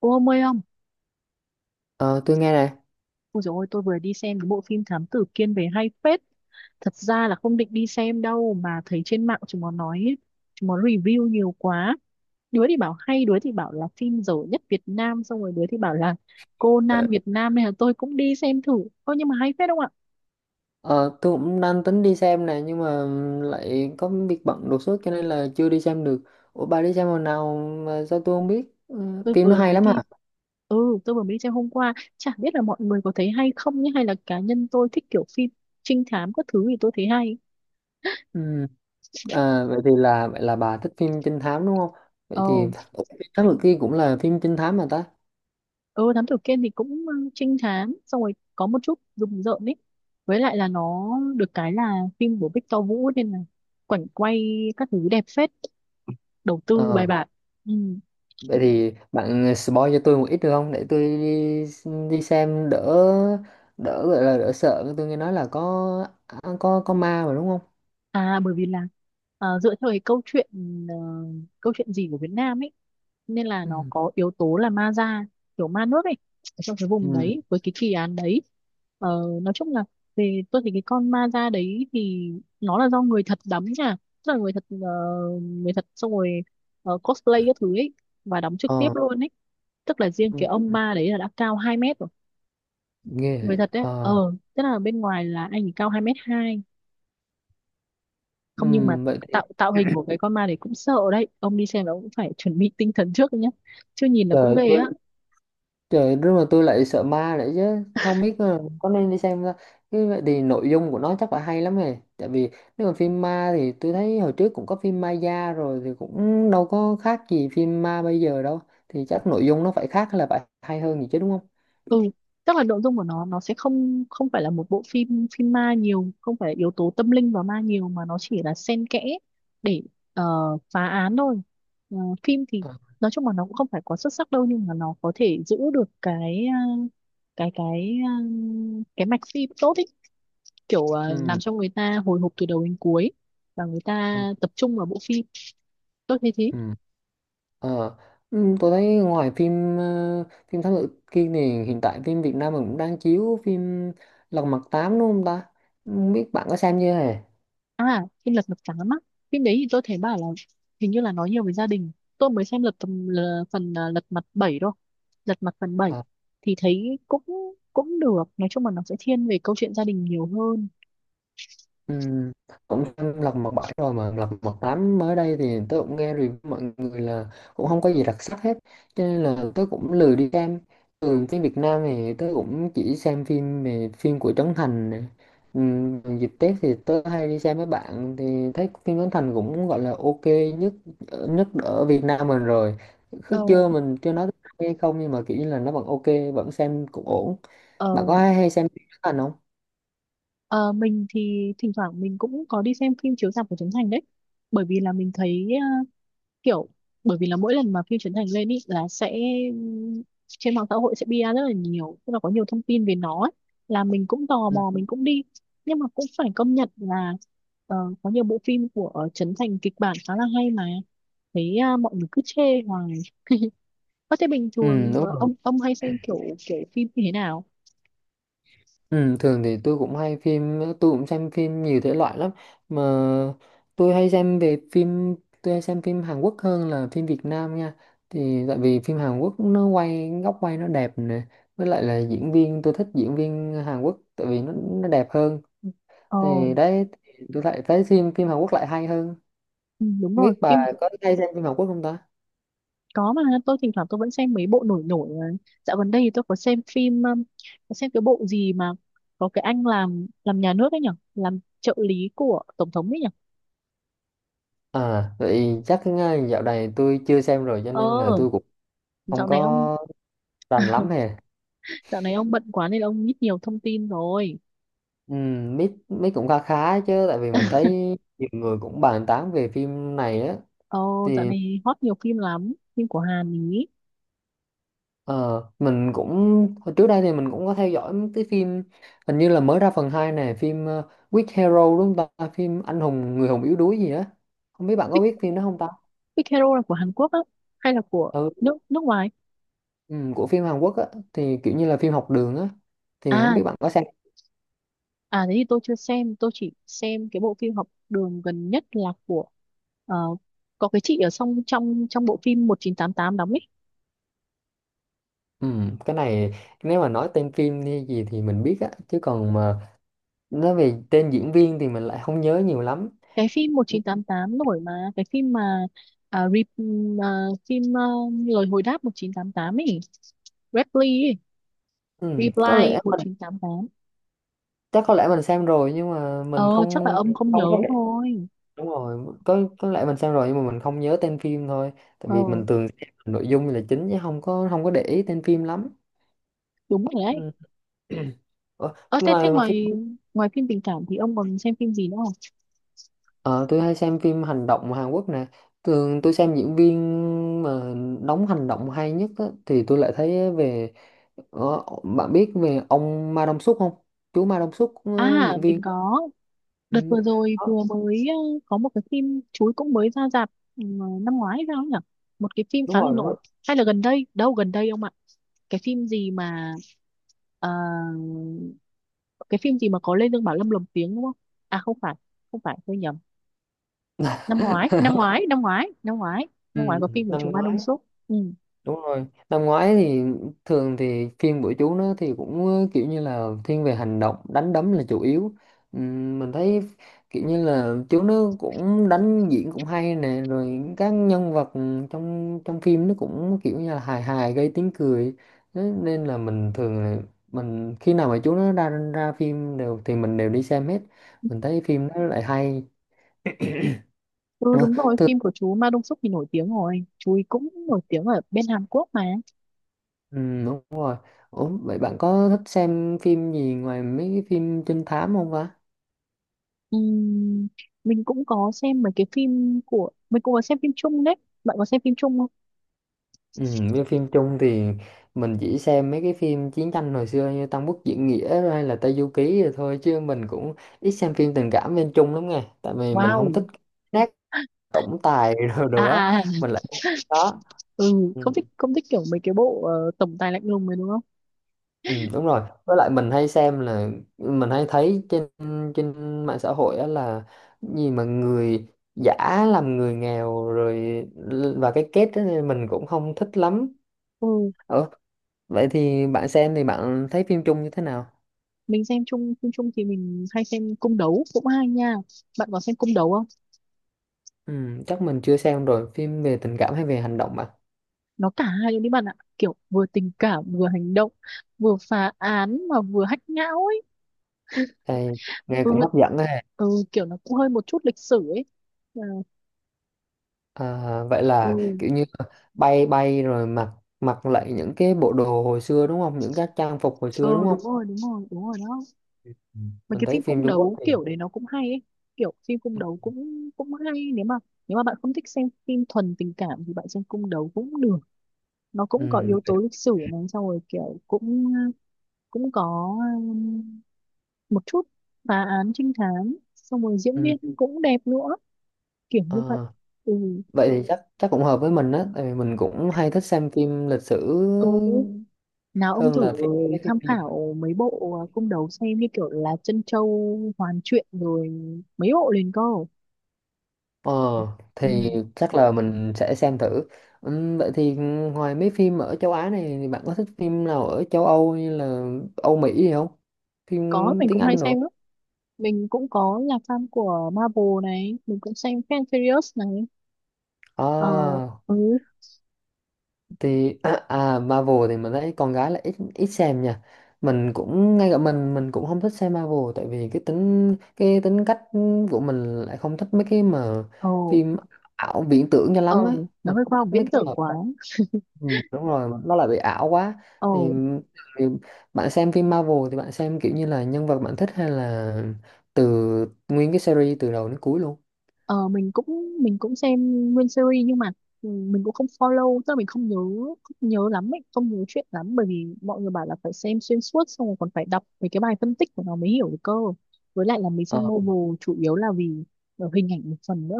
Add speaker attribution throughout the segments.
Speaker 1: Cô ông ơi không?
Speaker 2: Ờ, tôi nghe này.
Speaker 1: Ôi dồi ôi, tôi vừa đi xem cái bộ phim Thám Tử Kiên về hay phết. Thật ra là không định đi xem đâu mà thấy trên mạng chúng nó nói, ấy, chúng nó review nhiều quá. Đứa thì bảo hay, đứa thì bảo là phim dở nhất Việt Nam, xong rồi đứa thì bảo là Conan Việt Nam nên là tôi cũng đi xem thử. Ôi nhưng mà hay phết không ạ?
Speaker 2: Ờ, tôi cũng đang tính đi xem này nhưng mà lại có việc bận đột xuất cho nên là chưa đi xem được. Ủa, bà đi xem hồi nào mà sao tôi không biết? Ừ,
Speaker 1: Tôi
Speaker 2: phim nó
Speaker 1: vừa
Speaker 2: hay
Speaker 1: mới
Speaker 2: lắm
Speaker 1: đi,
Speaker 2: hả?
Speaker 1: ừ tôi vừa mới đi xem hôm qua. Chả biết là mọi người có thấy hay không nhé, hay là cá nhân tôi thích kiểu phim trinh thám các thứ thì tôi thấy hay.
Speaker 2: Ừ. À, vậy là bà thích phim trinh thám đúng không?
Speaker 1: Ờ.
Speaker 2: Vậy thì. Ủa, Thám Tử Kiên cũng là phim trinh thám mà ta.
Speaker 1: Ừ, thám tử Kiên thì cũng ừ, trinh thám xong rồi có một chút rùng rợn ấy, với lại là nó được cái là phim của Victor Vũ nên là cảnh quay các thứ đẹp phết, đầu tư bài
Speaker 2: Ờ,
Speaker 1: bản. Ừ.
Speaker 2: vậy thì bạn spoil cho tôi một ít được không, để tôi đi đi xem đỡ đỡ gọi là đỡ sợ. Tôi nghe nói là có ma mà đúng không?
Speaker 1: À bởi vì là dựa theo cái câu chuyện ờ, câu chuyện gì của Việt Nam ấy, nên là
Speaker 2: Ừ.
Speaker 1: nó có yếu tố là ma da, kiểu ma nước ấy, ở trong cái vùng
Speaker 2: Ừ.
Speaker 1: đấy với cái kỳ án đấy. Ờ, nói chung là về tôi thấy cái con ma da đấy thì nó là do người thật đóng nha, tức là người thật người thật xong rồi cosplay các thứ ấy và đóng trực tiếp
Speaker 2: Ờ.
Speaker 1: luôn ấy, tức là riêng cái
Speaker 2: Ừ.
Speaker 1: ông ma đấy là đã cao 2 mét rồi.
Speaker 2: Ghê vậy.
Speaker 1: Người thật đấy
Speaker 2: Ờ.
Speaker 1: ờ, tức là bên ngoài là anh ấy cao 2 mét hai. Không nhưng mà
Speaker 2: Vậy thì
Speaker 1: tạo tạo hình của cái con ma đấy cũng sợ đấy, ông đi xem là ông cũng phải chuẩn bị tinh thần trước nhé nhá, chứ nhìn là cũng
Speaker 2: trời
Speaker 1: ghê
Speaker 2: tôi
Speaker 1: á.
Speaker 2: trời, nhưng mà tôi lại sợ ma lại chứ không biết là có nên đi xem không ta. Cái vậy thì nội dung của nó chắc phải hay lắm này, tại vì nếu mà phim ma thì tôi thấy hồi trước cũng có phim Maya rồi thì cũng đâu có khác gì phim ma bây giờ đâu. Thì chắc nội dung nó phải khác hay là phải hay hơn gì chứ đúng không?
Speaker 1: Ừ, tức là nội dung của nó sẽ không không phải là một bộ phim phim ma nhiều, không phải yếu tố tâm linh và ma nhiều mà nó chỉ là xen kẽ để ờ, phá án thôi. Ờ, phim thì
Speaker 2: Ờ.
Speaker 1: nói chung là nó cũng không phải quá xuất sắc đâu, nhưng mà nó có thể giữ được cái cái cái mạch phim tốt ý, kiểu làm
Speaker 2: ừm,
Speaker 1: cho người ta hồi hộp từ đầu đến cuối và người ta
Speaker 2: ờ,
Speaker 1: tập trung vào bộ phim. Tôi thấy thế.
Speaker 2: ừm. Ờ, tôi thấy ngoài phim Thám Tử Kiên này, hiện tại phim Việt Nam mình cũng đang chiếu phim Lật Mặt 8 đúng không ta? Không biết bạn có xem chưa hề?
Speaker 1: À phim Lật Mặt Trắng á, phim đấy thì tôi thấy bảo là hình như là nói nhiều về gia đình. Tôi mới xem lật tầm phần Lật Mặt 7 thôi, Lật Mặt phần bảy,
Speaker 2: Ờ.
Speaker 1: thì thấy cũng cũng được, nói chung là nó sẽ thiên về câu chuyện gia đình nhiều hơn.
Speaker 2: Ừ, cũng xem lật mặt bảy rồi, mà lật mặt tám mới đây thì tôi cũng nghe review mọi người là cũng không có gì đặc sắc hết, cho nên là tôi cũng lười đi xem. Thường phim Việt Nam thì tôi cũng chỉ xem phim về phim của Trấn Thành nè. Ừ, dịp Tết thì tôi hay đi xem với bạn thì thấy phim Trấn Thành cũng gọi là ok nhất, nhất ở Việt Nam mình rồi.
Speaker 1: Ờ,
Speaker 2: Cứ chưa mình chưa nói hay không, nhưng mà kiểu như là nó vẫn ok, vẫn xem cũng ổn.
Speaker 1: ờ,
Speaker 2: Bạn có hay xem phim Trấn Thành không?
Speaker 1: ờ, mình thì thỉnh thoảng mình cũng có đi xem phim chiếu rạp của Trấn Thành đấy, bởi vì là mình thấy kiểu, bởi vì là mỗi lần mà phim Trấn Thành lên ý là sẽ trên mạng xã hội sẽ bia rất là nhiều, tức là có nhiều thông tin về nó ấy, là mình cũng tò
Speaker 2: Ừ.
Speaker 1: mò mình cũng đi. Nhưng mà cũng phải công nhận là ờ, có nhiều bộ phim của Trấn Thành kịch bản khá là hay mà thấy mọi người cứ chê hoài. Có thế bình
Speaker 2: Ừ,
Speaker 1: thường
Speaker 2: đúng
Speaker 1: ờ,
Speaker 2: rồi.
Speaker 1: ông hay xem kiểu kiểu phim như thế nào?
Speaker 2: Ừ, thường thì tôi cũng xem phim nhiều thể loại lắm. Mà tôi hay xem về phim Tôi hay xem phim Hàn Quốc hơn là phim Việt Nam nha. Thì tại vì phim Hàn Quốc nó quay góc quay nó đẹp nè, với lại là diễn viên, tôi thích diễn viên Hàn Quốc tại vì nó đẹp hơn.
Speaker 1: Ờ.
Speaker 2: Thì đấy, thì tôi lại thấy phim phim Hàn Quốc lại hay hơn.
Speaker 1: Ừ, đúng
Speaker 2: Không
Speaker 1: rồi
Speaker 2: biết bà
Speaker 1: phim.
Speaker 2: có hay xem phim Hàn Quốc không ta?
Speaker 1: Có mà tôi thỉnh thoảng tôi vẫn xem mấy bộ nổi nổi mà. Dạo gần đây thì tôi có xem phim có xem cái bộ gì mà có cái anh làm nhà nước ấy nhỉ, làm trợ lý của tổng thống ấy nhỉ.
Speaker 2: À, vậy chắc ngay dạo này tôi chưa xem rồi, cho nên là
Speaker 1: Ờ
Speaker 2: tôi cũng không
Speaker 1: dạo này ông.
Speaker 2: có rành lắm hè.
Speaker 1: Dạo này ông bận quá nên ông ít nhiều thông tin rồi.
Speaker 2: Ừ, biết biết cũng khá khá chứ, tại vì mình thấy nhiều người cũng bàn tán về phim này á.
Speaker 1: Ờ dạo
Speaker 2: Thì
Speaker 1: này hot nhiều phim lắm, phim của Hàn ý.
Speaker 2: ờ, mình cũng hồi trước đây thì mình cũng có theo dõi mấy cái phim, hình như là mới ra phần 2 này, phim Weak Hero đúng không ta, phim anh hùng người hùng yếu đuối gì á. Không biết bạn có biết phim đó không ta?
Speaker 1: Big Hero là của Hàn Quốc á hay là của
Speaker 2: Ừ,
Speaker 1: nước nước ngoài?
Speaker 2: ừ, của phim Hàn Quốc á, thì kiểu như là phim học đường á, thì không
Speaker 1: À.
Speaker 2: biết bạn có xem.
Speaker 1: À thế thì tôi chưa xem, tôi chỉ xem cái bộ phim học đường gần nhất là của ờ, có cái chị ở trong trong trong bộ phim một chín tám tám đóng ấy.
Speaker 2: Ừ, cái này nếu mà nói tên phim hay gì thì mình biết á, chứ còn mà nói về tên diễn viên thì mình lại không nhớ nhiều lắm.
Speaker 1: Cái phim một chín tám tám nổi mà, cái phim mà à, re, phim ờ, lời hồi đáp một chín tám tám ấy,
Speaker 2: Ừ, có
Speaker 1: Reply
Speaker 2: lẽ
Speaker 1: một
Speaker 2: mình,
Speaker 1: chín tám tám.
Speaker 2: chắc có lẽ mình xem rồi nhưng mà mình
Speaker 1: Ờ chắc là
Speaker 2: không,
Speaker 1: ông không nhớ
Speaker 2: không có để.
Speaker 1: thôi.
Speaker 2: Đúng rồi, có lẽ mình xem rồi nhưng mà mình không nhớ tên phim thôi, tại
Speaker 1: Ờ
Speaker 2: vì mình thường xem nội dung là chính chứ không có để ý tên phim lắm.
Speaker 1: đúng rồi đấy.
Speaker 2: Ừ. Ủa,
Speaker 1: Ờ thế thế
Speaker 2: ngoài mà phim
Speaker 1: ngoài ngoài phim tình cảm thì ông còn xem phim gì nữa không?
Speaker 2: ờ, tôi hay xem phim hành động Hàn Quốc nè. Thường tôi xem diễn viên mà đóng hành động hay nhất á, thì tôi lại thấy bạn biết về ông Ma Dong Suk không? Chú Ma Dong Suk
Speaker 1: À
Speaker 2: diễn
Speaker 1: mình
Speaker 2: viên.
Speaker 1: có.
Speaker 2: Ừ.
Speaker 1: Đợt vừa rồi
Speaker 2: Đó,
Speaker 1: vừa mới có một cái phim chuối cũng mới ra rạp, ừ, năm ngoái hay sao nhỉ? Một cái phim
Speaker 2: đúng
Speaker 1: khá là
Speaker 2: rồi
Speaker 1: nổi.
Speaker 2: đó.
Speaker 1: Hay là gần đây? Đâu gần đây ông ạ? Cái phim gì mà ờ, cái phim gì mà có Lê Dương Bảo Lâm lồng tiếng đúng không? À không phải, không phải tôi nhầm. Năm ngoái, năm ngoái, năm ngoái, năm ngoái, năm
Speaker 2: Ừ,
Speaker 1: ngoái có phim của
Speaker 2: năm
Speaker 1: chú Ma
Speaker 2: ngoái,
Speaker 1: Đông Súc. Ừ.
Speaker 2: đúng rồi năm ngoái thì, thường thì phim của chú nó thì kiểu như là thiên về hành động đánh đấm là chủ yếu. Mình thấy kiểu như là chú nó cũng đánh diễn cũng hay nè, rồi các nhân vật trong trong phim nó cũng kiểu như là hài hài gây tiếng cười. Thế nên là mình thường là mình khi nào mà chú nó ra ra phim đều thì mình đều đi xem hết, mình thấy phim nó lại hay.
Speaker 1: Ừ
Speaker 2: Ờ.
Speaker 1: đúng rồi, phim của chú Ma Đông Súc thì nổi tiếng rồi. Chú ấy cũng nổi tiếng ở bên Hàn Quốc mà.
Speaker 2: Ừ, đúng rồi. Ủa, vậy bạn có thích xem phim gì ngoài mấy cái phim trinh thám không ta?
Speaker 1: Ừm, mình cũng có xem mấy cái phim của mình, cũng có xem phim chung đấy, bạn có xem phim chung không?
Speaker 2: Ừ, với phim chung thì mình chỉ xem mấy cái phim chiến tranh hồi xưa như Tam Quốc Diễn Nghĩa rồi hay là Tây Du Ký rồi thôi, chứ mình cũng ít xem phim tình cảm bên chung lắm nghe. Tại vì mình không thích
Speaker 1: Wow.
Speaker 2: nát tổng tài rồi đồ á,
Speaker 1: À. À.
Speaker 2: mình lại không thích đó.
Speaker 1: Ừ
Speaker 2: Ừ.
Speaker 1: không thích, kiểu mấy cái bộ ờ, tổng tài lạnh lùng này đúng không?
Speaker 2: Ừ, đúng rồi. Với lại mình hay xem là mình hay thấy trên trên mạng xã hội á, là gì mà người giả làm người nghèo rồi và cái kết đó nên mình cũng không thích lắm.
Speaker 1: Ừ
Speaker 2: Ờ, vậy thì bạn xem thì bạn thấy phim chung như thế nào?
Speaker 1: mình xem chung, phim chung thì mình hay xem cung đấu cũng hay nha, bạn có xem cung đấu không?
Speaker 2: Ừ, chắc mình chưa xem rồi, phim về tình cảm hay về hành động bạn?
Speaker 1: Nó cả hai luôn đấy bạn ạ, kiểu vừa tình cảm vừa hành động, vừa phá án mà vừa hách não ấy.
Speaker 2: Đây, nghe
Speaker 1: Ừ,
Speaker 2: cũng hấp dẫn ha.
Speaker 1: ừ kiểu nó cũng hơi một chút lịch sử ấy. Ờ,
Speaker 2: À, vậy
Speaker 1: ừ.
Speaker 2: là kiểu như bay bay rồi mặc mặc lại những cái bộ đồ hồi xưa đúng không? Những các trang phục hồi xưa
Speaker 1: Ừ
Speaker 2: đúng không?
Speaker 1: đúng rồi đúng rồi đúng rồi đó.
Speaker 2: Ừ.
Speaker 1: Mấy
Speaker 2: Mình
Speaker 1: cái
Speaker 2: thấy
Speaker 1: phim
Speaker 2: phim
Speaker 1: cung
Speaker 2: Trung Quốc
Speaker 1: đấu
Speaker 2: thì
Speaker 1: kiểu đấy nó cũng hay ấy, kiểu phim cung đấu cũng cũng hay, nếu mà bạn không thích xem phim thuần tình cảm thì bạn xem cung đấu cũng được. Nó cũng có
Speaker 2: ừ,
Speaker 1: yếu
Speaker 2: vậy,
Speaker 1: tố lịch sử này, xong rồi kiểu cũng cũng có một chút phá án trinh thám, xong rồi diễn
Speaker 2: ừ,
Speaker 1: viên cũng đẹp nữa, kiểu như vậy.
Speaker 2: ờ,
Speaker 1: Ừ.
Speaker 2: vậy thì chắc chắc cũng hợp với mình á, tại vì mình cũng hay thích xem phim lịch sử
Speaker 1: Ừ nào ông
Speaker 2: hơn
Speaker 1: thử
Speaker 2: là mấy phim
Speaker 1: tham
Speaker 2: bây giờ.
Speaker 1: khảo mấy bộ cung đấu xem, như kiểu là Trân Châu Hoàn Truyện rồi mấy bộ liền cơ.
Speaker 2: Ờ, thì
Speaker 1: Ừ.
Speaker 2: chắc là mình sẽ xem thử. Ừ, vậy thì ngoài mấy phim ở châu Á này thì bạn có thích phim nào ở châu Âu như là Âu Mỹ gì không, phim
Speaker 1: Có mình
Speaker 2: tiếng
Speaker 1: cũng hay
Speaker 2: Anh nữa?
Speaker 1: xem lắm, mình cũng có là fan của Marvel này, mình cũng xem Fast and Furious này. Ờ.
Speaker 2: À
Speaker 1: Ừ.
Speaker 2: thì Marvel thì mình thấy con gái là ít ít xem nha. Mình cũng Ngay cả mình cũng không thích xem Marvel, tại vì cái tính cách của mình lại không thích mấy cái mà
Speaker 1: Ờ.
Speaker 2: phim ảo viễn tưởng cho lắm
Speaker 1: Ờ
Speaker 2: á.
Speaker 1: nó
Speaker 2: Mình
Speaker 1: hơi khoa học
Speaker 2: thích mấy
Speaker 1: viễn
Speaker 2: cái
Speaker 1: tưởng
Speaker 2: mà,
Speaker 1: quá.
Speaker 2: ừ, đúng rồi, mà nó lại bị ảo quá.
Speaker 1: Ờ.
Speaker 2: thì, thì bạn xem phim Marvel thì bạn xem kiểu như là nhân vật bạn thích, hay là từ nguyên cái series từ đầu đến cuối luôn?
Speaker 1: Ờ, mình cũng xem nguyên series nhưng mà ừ, mình cũng không follow, tức là mình không nhớ, không nhớ lắm ấy, không nhớ chuyện lắm, bởi vì mọi người bảo là phải xem xuyên suốt xong rồi còn phải đọc mấy cái bài phân tích của nó mới hiểu được cơ. Với lại là mình
Speaker 2: Ờ,
Speaker 1: xem novel chủ yếu là vì ờ, hình ảnh một phần nữa.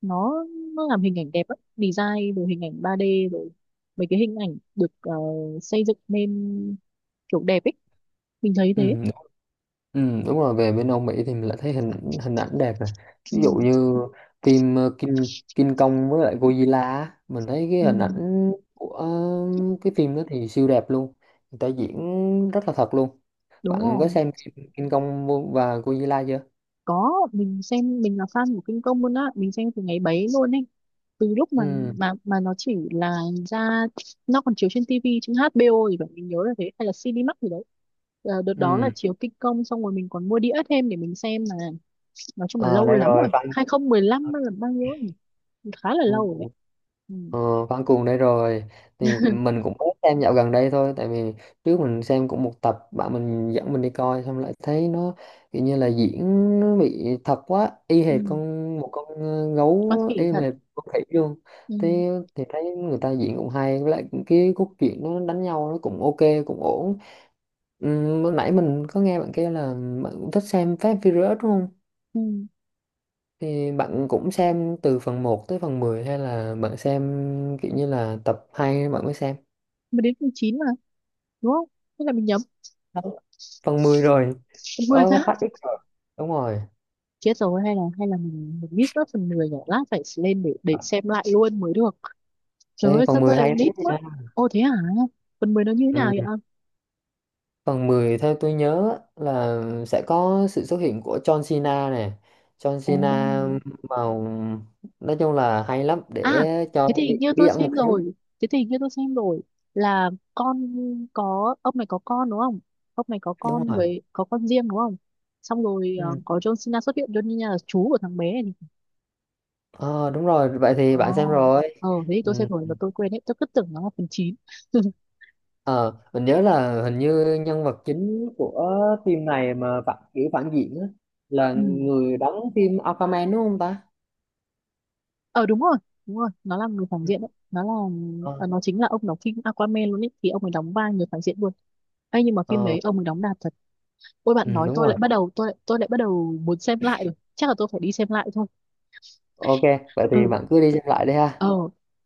Speaker 1: Nó nó làm hình ảnh đẹp ấy, design rồi hình ảnh 3D rồi mấy cái hình ảnh được xây dựng nên kiểu đẹp ấy. Mình thấy
Speaker 2: ừ.
Speaker 1: thế.
Speaker 2: Ừ, đúng rồi, về bên Âu Mỹ thì mình lại thấy hình hình ảnh đẹp này. Ví
Speaker 1: Ừ.
Speaker 2: dụ như phim King King Kong với lại Godzilla á, mình thấy cái
Speaker 1: Ừ,
Speaker 2: hình ảnh cái phim đó thì siêu đẹp luôn, người ta diễn rất là thật luôn.
Speaker 1: đúng
Speaker 2: Bạn có
Speaker 1: rồi.
Speaker 2: xem phim King Kong và Godzilla chưa?
Speaker 1: Có mình xem, mình là fan của kinh công luôn á, mình xem từ ngày bấy luôn ấy, từ lúc mà
Speaker 2: Ừ,
Speaker 1: nó chỉ là ra, nó còn chiếu trên TV trên HBO thì vậy mình nhớ là thế, hay là Cinemax gì đấy. Ờ, đợt đó là
Speaker 2: ừ.
Speaker 1: chiếu kinh công xong rồi mình còn mua đĩa thêm để mình xem mà. Nói chung là
Speaker 2: À,
Speaker 1: lâu
Speaker 2: đây
Speaker 1: lắm rồi.
Speaker 2: rồi fan.
Speaker 1: 2015 lăm là bao nhiêu nhỉ? Khá là
Speaker 2: Ừ.
Speaker 1: lâu rồi đấy. Ừ.
Speaker 2: Ờ, Văn Cuồng đây rồi, thì mình cũng mới xem dạo gần đây thôi, tại vì trước mình xem cũng một tập bạn mình dẫn mình đi coi, xong lại thấy nó kiểu như là diễn nó bị thật quá, y
Speaker 1: Ừ.
Speaker 2: hệt con gấu,
Speaker 1: Có thể
Speaker 2: y
Speaker 1: thật.
Speaker 2: hệt con khỉ luôn.
Speaker 1: Ừ.
Speaker 2: Thế thì thấy người ta diễn cũng hay, với lại cái cốt truyện nó đánh nhau nó cũng ok, cũng ổn. Ừ, lúc nãy mình có nghe bạn kia là bạn cũng thích xem Fast and Furious đúng không?
Speaker 1: Ừ.
Speaker 2: Thì bạn cũng xem từ phần một tới phần 10 hay là bạn xem kiểu như là tập 2 bạn mới xem?
Speaker 1: Mới đến tháng 9 mà, đúng không? Thế là mình nhầm.
Speaker 2: Không. Phần 10 rồi.
Speaker 1: Mười
Speaker 2: Ờ,
Speaker 1: tháng.
Speaker 2: phát ít rồi. Đúng rồi.
Speaker 1: Chết rồi, hay là mình miss mất phần 10 nhỉ? Lát phải lên để xem lại luôn mới được. Trời
Speaker 2: Ê,
Speaker 1: ơi sao
Speaker 2: phần
Speaker 1: tôi
Speaker 2: 10
Speaker 1: lại
Speaker 2: hay lắm
Speaker 1: miss mất?
Speaker 2: nha.
Speaker 1: Ô thế hả? Phần 10 nó như thế nào
Speaker 2: Ừ.
Speaker 1: vậy?
Speaker 2: Phần 10 theo tôi nhớ á, là sẽ có sự xuất hiện của John Cena nè. John
Speaker 1: Ồ.
Speaker 2: Cena vào, nói chung là hay lắm,
Speaker 1: À,
Speaker 2: để cho
Speaker 1: thế thì
Speaker 2: bí
Speaker 1: hình như
Speaker 2: bí
Speaker 1: tôi
Speaker 2: ẩn một
Speaker 1: xem
Speaker 2: xíu.
Speaker 1: rồi. Thế thì hình như tôi xem rồi, là con, có ông này có con đúng không? Ông này có
Speaker 2: Đúng
Speaker 1: con
Speaker 2: rồi.
Speaker 1: với có con riêng đúng không? Xong rồi ờ,
Speaker 2: Ừ.
Speaker 1: có John Cena xuất hiện, John Cena là chú của thằng bé này.
Speaker 2: Ờ, đúng rồi. Vậy
Speaker 1: Ồ.
Speaker 2: thì bạn xem rồi.
Speaker 1: Ờ thế thì
Speaker 2: Ừ.
Speaker 1: tôi xem rồi mà tôi quên hết, tôi cứ tưởng nó là phần 9.
Speaker 2: Ờ, mình nhớ là hình như nhân vật chính của phim này mà phản diện á, là
Speaker 1: Ừ.
Speaker 2: người đóng phim Aquaman đúng không ta?
Speaker 1: Ờ đúng rồi, đúng rồi, nó là người phản diện đấy, nó là
Speaker 2: Ờ,
Speaker 1: ờ, nó chính là ông đóng phim Aquaman luôn ấy, thì ông ấy đóng vai người phản diện luôn ấy, nhưng mà phim
Speaker 2: ờ,
Speaker 1: đấy ông ấy đóng đạt thật. Ôi
Speaker 2: ừ,
Speaker 1: bạn nói
Speaker 2: đúng
Speaker 1: tôi
Speaker 2: rồi.
Speaker 1: lại bắt đầu, tôi lại bắt đầu muốn xem lại rồi, chắc là tôi phải đi xem lại thôi.
Speaker 2: Ok, vậy thì
Speaker 1: Ừ.
Speaker 2: bạn cứ đi xem lại đi
Speaker 1: Ờ
Speaker 2: ha.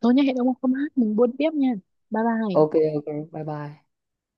Speaker 1: tôi nhá, hẹn ông hôm hát mình buôn tiếp nha. Bye bye.
Speaker 2: Ok, ok, bye bye.